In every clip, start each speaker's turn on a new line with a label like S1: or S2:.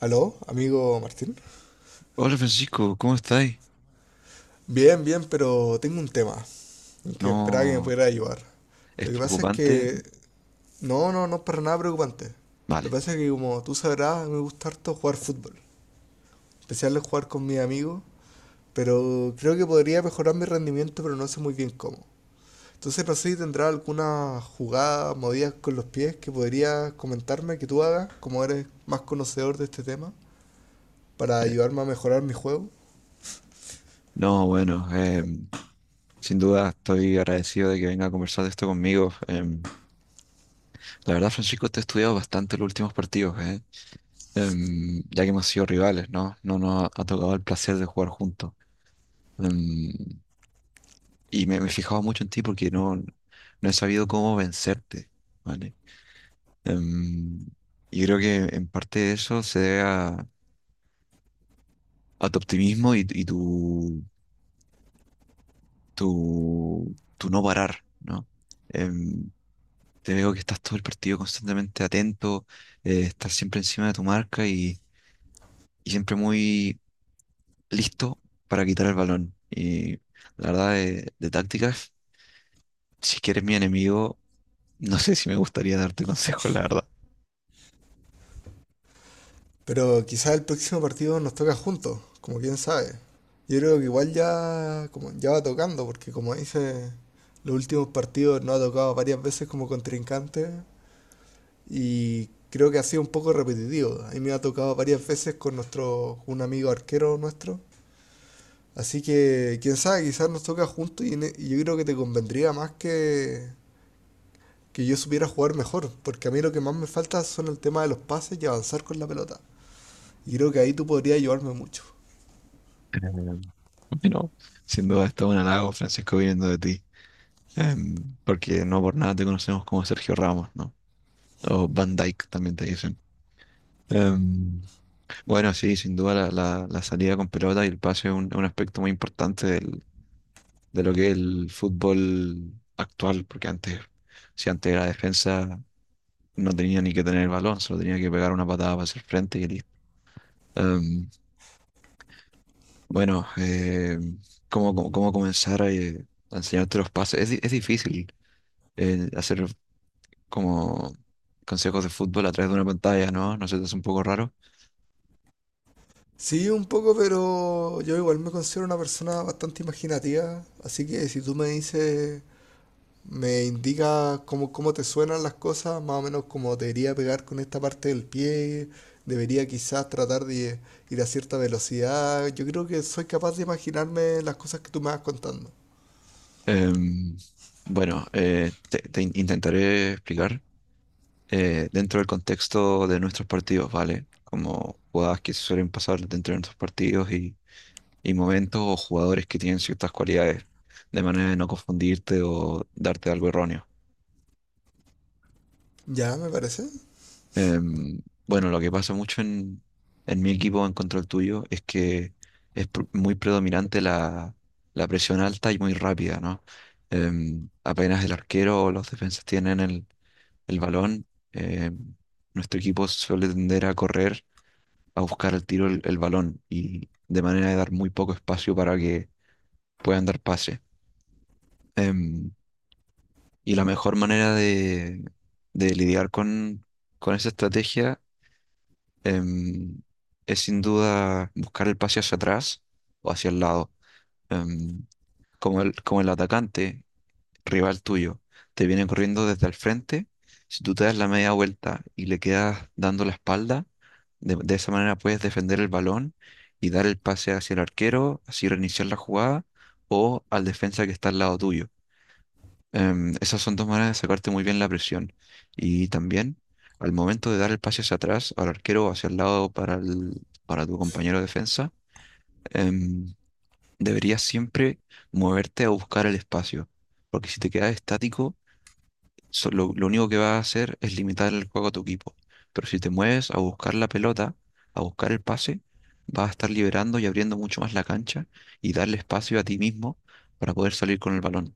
S1: Aló, amigo Martín.
S2: Hola Francisco, ¿cómo estáis?
S1: Bien, bien, pero tengo un tema en que esperaba que me
S2: No,
S1: pudiera ayudar.
S2: es
S1: Lo que pasa es
S2: preocupante.
S1: que... No, no, no es para nada preocupante. Lo
S2: Vale.
S1: que pasa es que, como tú sabrás, me gusta harto jugar fútbol. En especial el jugar con mis amigos, pero creo que podría mejorar mi rendimiento, pero no sé muy bien cómo. Entonces no sé si tendrás alguna jugada, movidas con los pies que podrías comentarme que tú hagas, como eres más conocedor de este tema, para
S2: Eh,
S1: ayudarme a mejorar mi juego.
S2: no, bueno, sin duda estoy agradecido de que venga a conversar de esto conmigo. La verdad, Francisco, te he estudiado bastante los últimos partidos, ¿eh? Ya que hemos sido rivales, ¿no? No nos ha tocado el placer de jugar juntos. Em, y me he fijado mucho en ti porque no he sabido cómo vencerte, ¿vale? Em, y creo que en parte de eso se debe a tu optimismo y tu, tu no parar, ¿no? Em, Te veo que estás todo el partido constantemente atento, estás siempre encima de tu marca y siempre muy listo para quitar el balón. Y la verdad, de tácticas, si quieres mi enemigo, no sé si me gustaría darte consejos, la verdad.
S1: Pero quizás el próximo partido nos toca juntos, como quién sabe. Yo creo que igual ya, como, ya va tocando, porque como dice, los últimos partidos nos ha tocado varias veces como contrincante y creo que ha sido un poco repetitivo. A mí me ha tocado varias veces con nuestro, un amigo arquero nuestro. Así que, quién sabe, quizás nos toca juntos y, y yo creo que te convendría más que yo supiera jugar mejor, porque a mí lo que más me falta son el tema de los pases y avanzar con la pelota. Y creo que ahí tú podrías ayudarme mucho.
S2: Em, bueno, sin duda, esto es un halago, Francisco, viniendo de ti. Porque no por nada te conocemos como Sergio Ramos, ¿no? O Van Dyke también te dicen. Em, bueno, sí, sin duda la, la salida con pelota y el pase es un aspecto muy importante de lo que es el fútbol actual, porque antes, si antes la defensa no tenía ni que tener el balón, solo tenía que pegar una patada para hacer frente y listo. Em, bueno, ¿cómo, cómo, cómo comenzar a enseñarte los pases? Es, es difícil hacer como consejos de fútbol a través de una pantalla, ¿no? No sé, es un poco raro.
S1: Sí, un poco, pero yo igual me considero una persona bastante imaginativa, así que si tú me dices, me indicas cómo, cómo te suenan las cosas, más o menos cómo debería pegar con esta parte del pie, debería quizás tratar de ir a cierta velocidad, yo creo que soy capaz de imaginarme las cosas que tú me vas contando.
S2: Em, bueno, te, intentaré explicar dentro del contexto de nuestros partidos, ¿vale? Como jugadas que suelen pasar dentro de nuestros partidos y momentos o jugadores que tienen ciertas cualidades, de manera de no confundirte o darte algo erróneo.
S1: Ya, me parece.
S2: Em, bueno, lo que pasa mucho en mi equipo en contra el tuyo es que es muy predominante la, la presión alta y muy rápida, ¿no? Apenas el arquero o los defensas tienen el balón, em, nuestro equipo suele tender a correr, a buscar al tiro el balón y de manera de dar muy poco espacio para que puedan dar pase. Em, y la mejor manera de lidiar con esa estrategia em, es sin duda buscar el pase hacia atrás o hacia el lado. Em, Como el, como el atacante rival tuyo te viene corriendo desde el frente, si tú te das la media vuelta y le quedas dando la espalda, de esa manera puedes defender el balón y dar el pase hacia el arquero, así reiniciar la jugada o al defensa que está al lado tuyo. Esas son dos maneras de sacarte muy bien la presión. Y también, al momento de dar el pase hacia atrás, al arquero o hacia el lado para, para tu compañero de defensa, em, deberías siempre moverte a buscar el espacio. Porque si te quedas estático, lo único que vas a hacer es limitar el juego a tu equipo. Pero si te mueves a buscar la pelota, a buscar el pase, vas a estar liberando y abriendo mucho más la cancha y darle espacio a ti mismo para poder salir con el balón.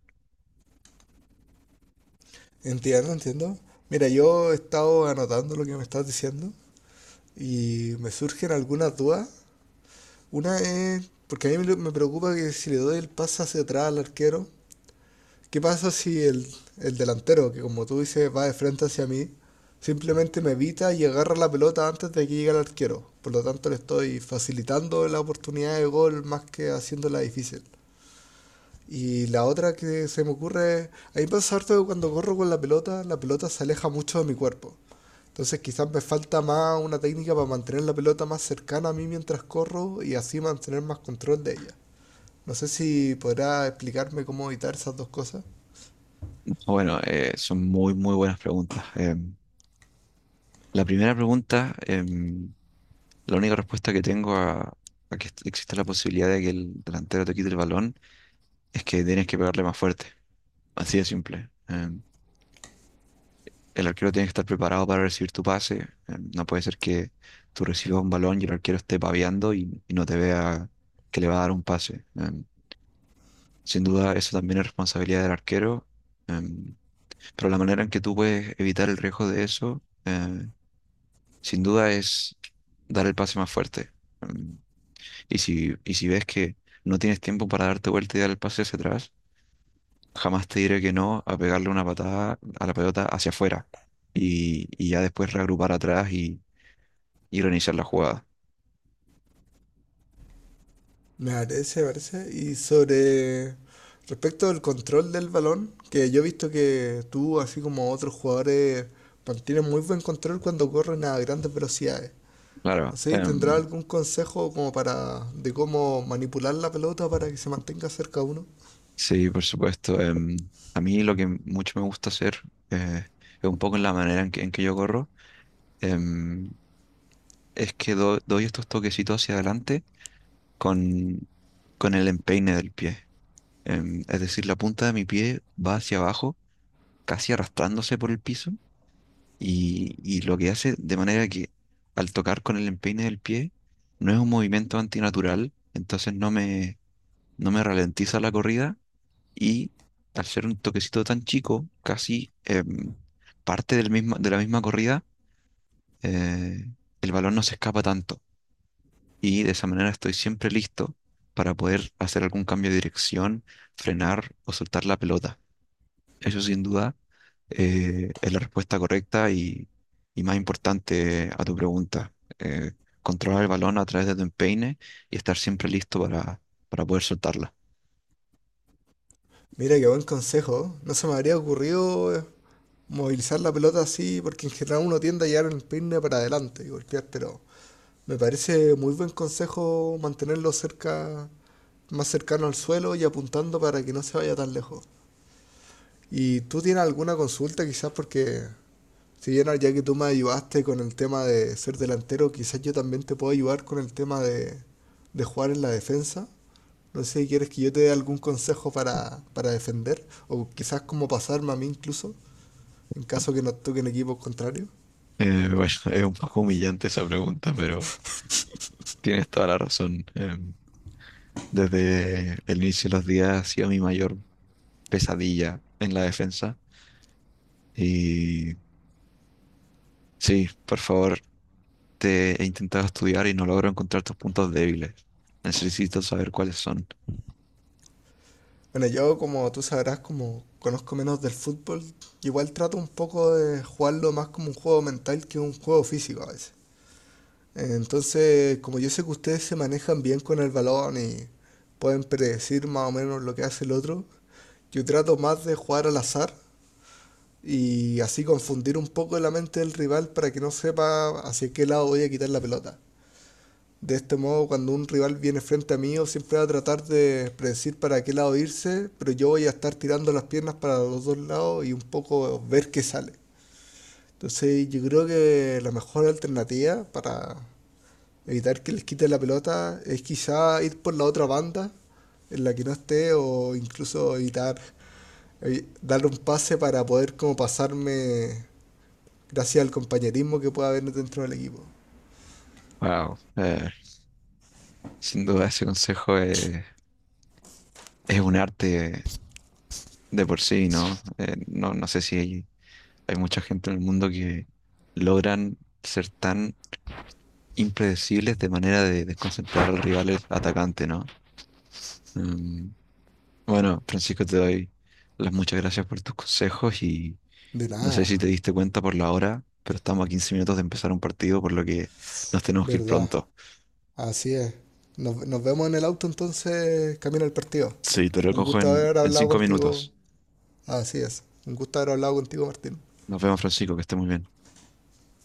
S1: Entiendo, entiendo. Mira, yo he estado anotando lo que me estás diciendo y me surgen algunas dudas. Una es, porque a mí me preocupa que si le doy el pase hacia atrás al arquero, ¿qué pasa si el delantero, que como tú dices va de frente hacia mí, simplemente me evita y agarra la pelota antes de que llegue al arquero? Por lo tanto, le estoy facilitando la oportunidad de gol más que haciéndola difícil. Y la otra que se me ocurre, a mí me pasa harto que cuando corro con la pelota se aleja mucho de mi cuerpo. Entonces quizás me falta más una técnica para mantener la pelota más cercana a mí mientras corro y así mantener más control de ella. No sé si podrá explicarme cómo evitar esas dos cosas.
S2: Bueno, son muy, muy buenas preguntas. La primera pregunta, la única respuesta que tengo a que exista la posibilidad de que el delantero te quite el balón es que tienes que pegarle más fuerte. Así de simple. El arquero tiene que estar preparado para recibir tu pase. No puede ser que tú recibas un balón y el arquero esté paviando y no te vea que le va a dar un pase. Sin duda, eso también es responsabilidad del arquero. Em, pero la manera en que tú puedes evitar el riesgo de eso, sin duda es dar el pase más fuerte. Mm, y si ves que no tienes tiempo para darte vuelta y dar el pase hacia atrás, jamás te diré que no a pegarle una patada a la pelota hacia afuera y ya después reagrupar atrás y reiniciar la jugada.
S1: Me parece, me parece. Y sobre respecto al control del balón, que yo he visto que tú, así como otros jugadores, mantienen muy buen control cuando corren a grandes velocidades. No
S2: Claro,
S1: sé si tendrá algún consejo como para de cómo manipular la pelota para que se mantenga cerca a uno.
S2: sí, por supuesto. A mí lo que mucho me gusta hacer eh, es un poco en la manera en que yo corro, em, es que doy estos toquecitos hacia adelante con, con el empeine del pie. Es decir, la punta de mi pie va hacia abajo, casi arrastrándose por el piso, y lo que hace de manera que al tocar con el empeine del pie no es un movimiento antinatural, entonces no me ralentiza la corrida y al ser un toquecito tan chico, casi parte del mismo, de la misma corrida, eh, el balón no se escapa tanto y de esa manera estoy siempre listo para poder hacer algún cambio de dirección, frenar o soltar la pelota. Eso sin duda es la respuesta correcta y más importante a tu pregunta. Eh, Controlar el balón a través de tu empeine y estar siempre listo para poder soltarla.
S1: Mira, qué buen consejo. No se me habría ocurrido, movilizar la pelota así, porque en general uno tiende a llevar el peine para adelante y golpear. Pero me parece muy buen consejo mantenerlo cerca, más cercano al suelo y apuntando para que no se vaya tan lejos. ¿Y tú tienes alguna consulta quizás? Porque si bien ya que tú me ayudaste con el tema de ser delantero, quizás yo también te puedo ayudar con el tema de jugar en la defensa. No sé si quieres que yo te dé algún consejo para defender o quizás cómo pasarme a mí incluso en
S2: ¿No?
S1: caso que nos toquen equipos contrarios.
S2: Bueno, es un poco humillante esa pregunta, pero tienes toda la razón. Desde el inicio de los días ha sido mi mayor pesadilla en la defensa. Y sí, por favor, te he intentado estudiar y no logro encontrar tus puntos débiles. Necesito saber cuáles son.
S1: Bueno, yo como tú sabrás, como conozco menos del fútbol, igual trato un poco de jugarlo más como un juego mental que un juego físico a veces. Entonces, como yo sé que ustedes se manejan bien con el balón y pueden predecir más o menos lo que hace el otro, yo trato más de jugar al azar y así confundir un poco la mente del rival para que no sepa hacia qué lado voy a quitar la pelota. De este modo, cuando un rival viene frente a mí, yo siempre va a tratar de predecir para qué lado irse, pero yo voy a estar tirando las piernas para los dos lados y un poco ver qué sale. Entonces, yo creo que la mejor alternativa para evitar que les quite la pelota es quizá ir por la otra banda en la que no esté o incluso darle un pase para poder como pasarme gracias al compañerismo que pueda haber dentro del equipo.
S2: Wow, sin duda ese consejo es un arte de por sí, ¿no? No, no sé si hay, hay mucha gente en el mundo que logran ser tan impredecibles de manera de desconcentrar al rival el atacante, ¿no? Mm, bueno, Francisco, te doy las muchas gracias por tus consejos y
S1: De
S2: no sé
S1: nada,
S2: si te diste cuenta por la hora, pero estamos a 15 minutos de empezar un partido, por lo que nos tenemos que ir
S1: verdad.
S2: pronto.
S1: Así es. Nos vemos en el auto entonces, camino al partido.
S2: Sí, te
S1: Un
S2: recojo
S1: gusto haber
S2: en
S1: hablado
S2: 5
S1: contigo.
S2: minutos.
S1: Así es. Un gusto haber hablado contigo, Martín.
S2: Nos vemos, Francisco, que esté muy bien.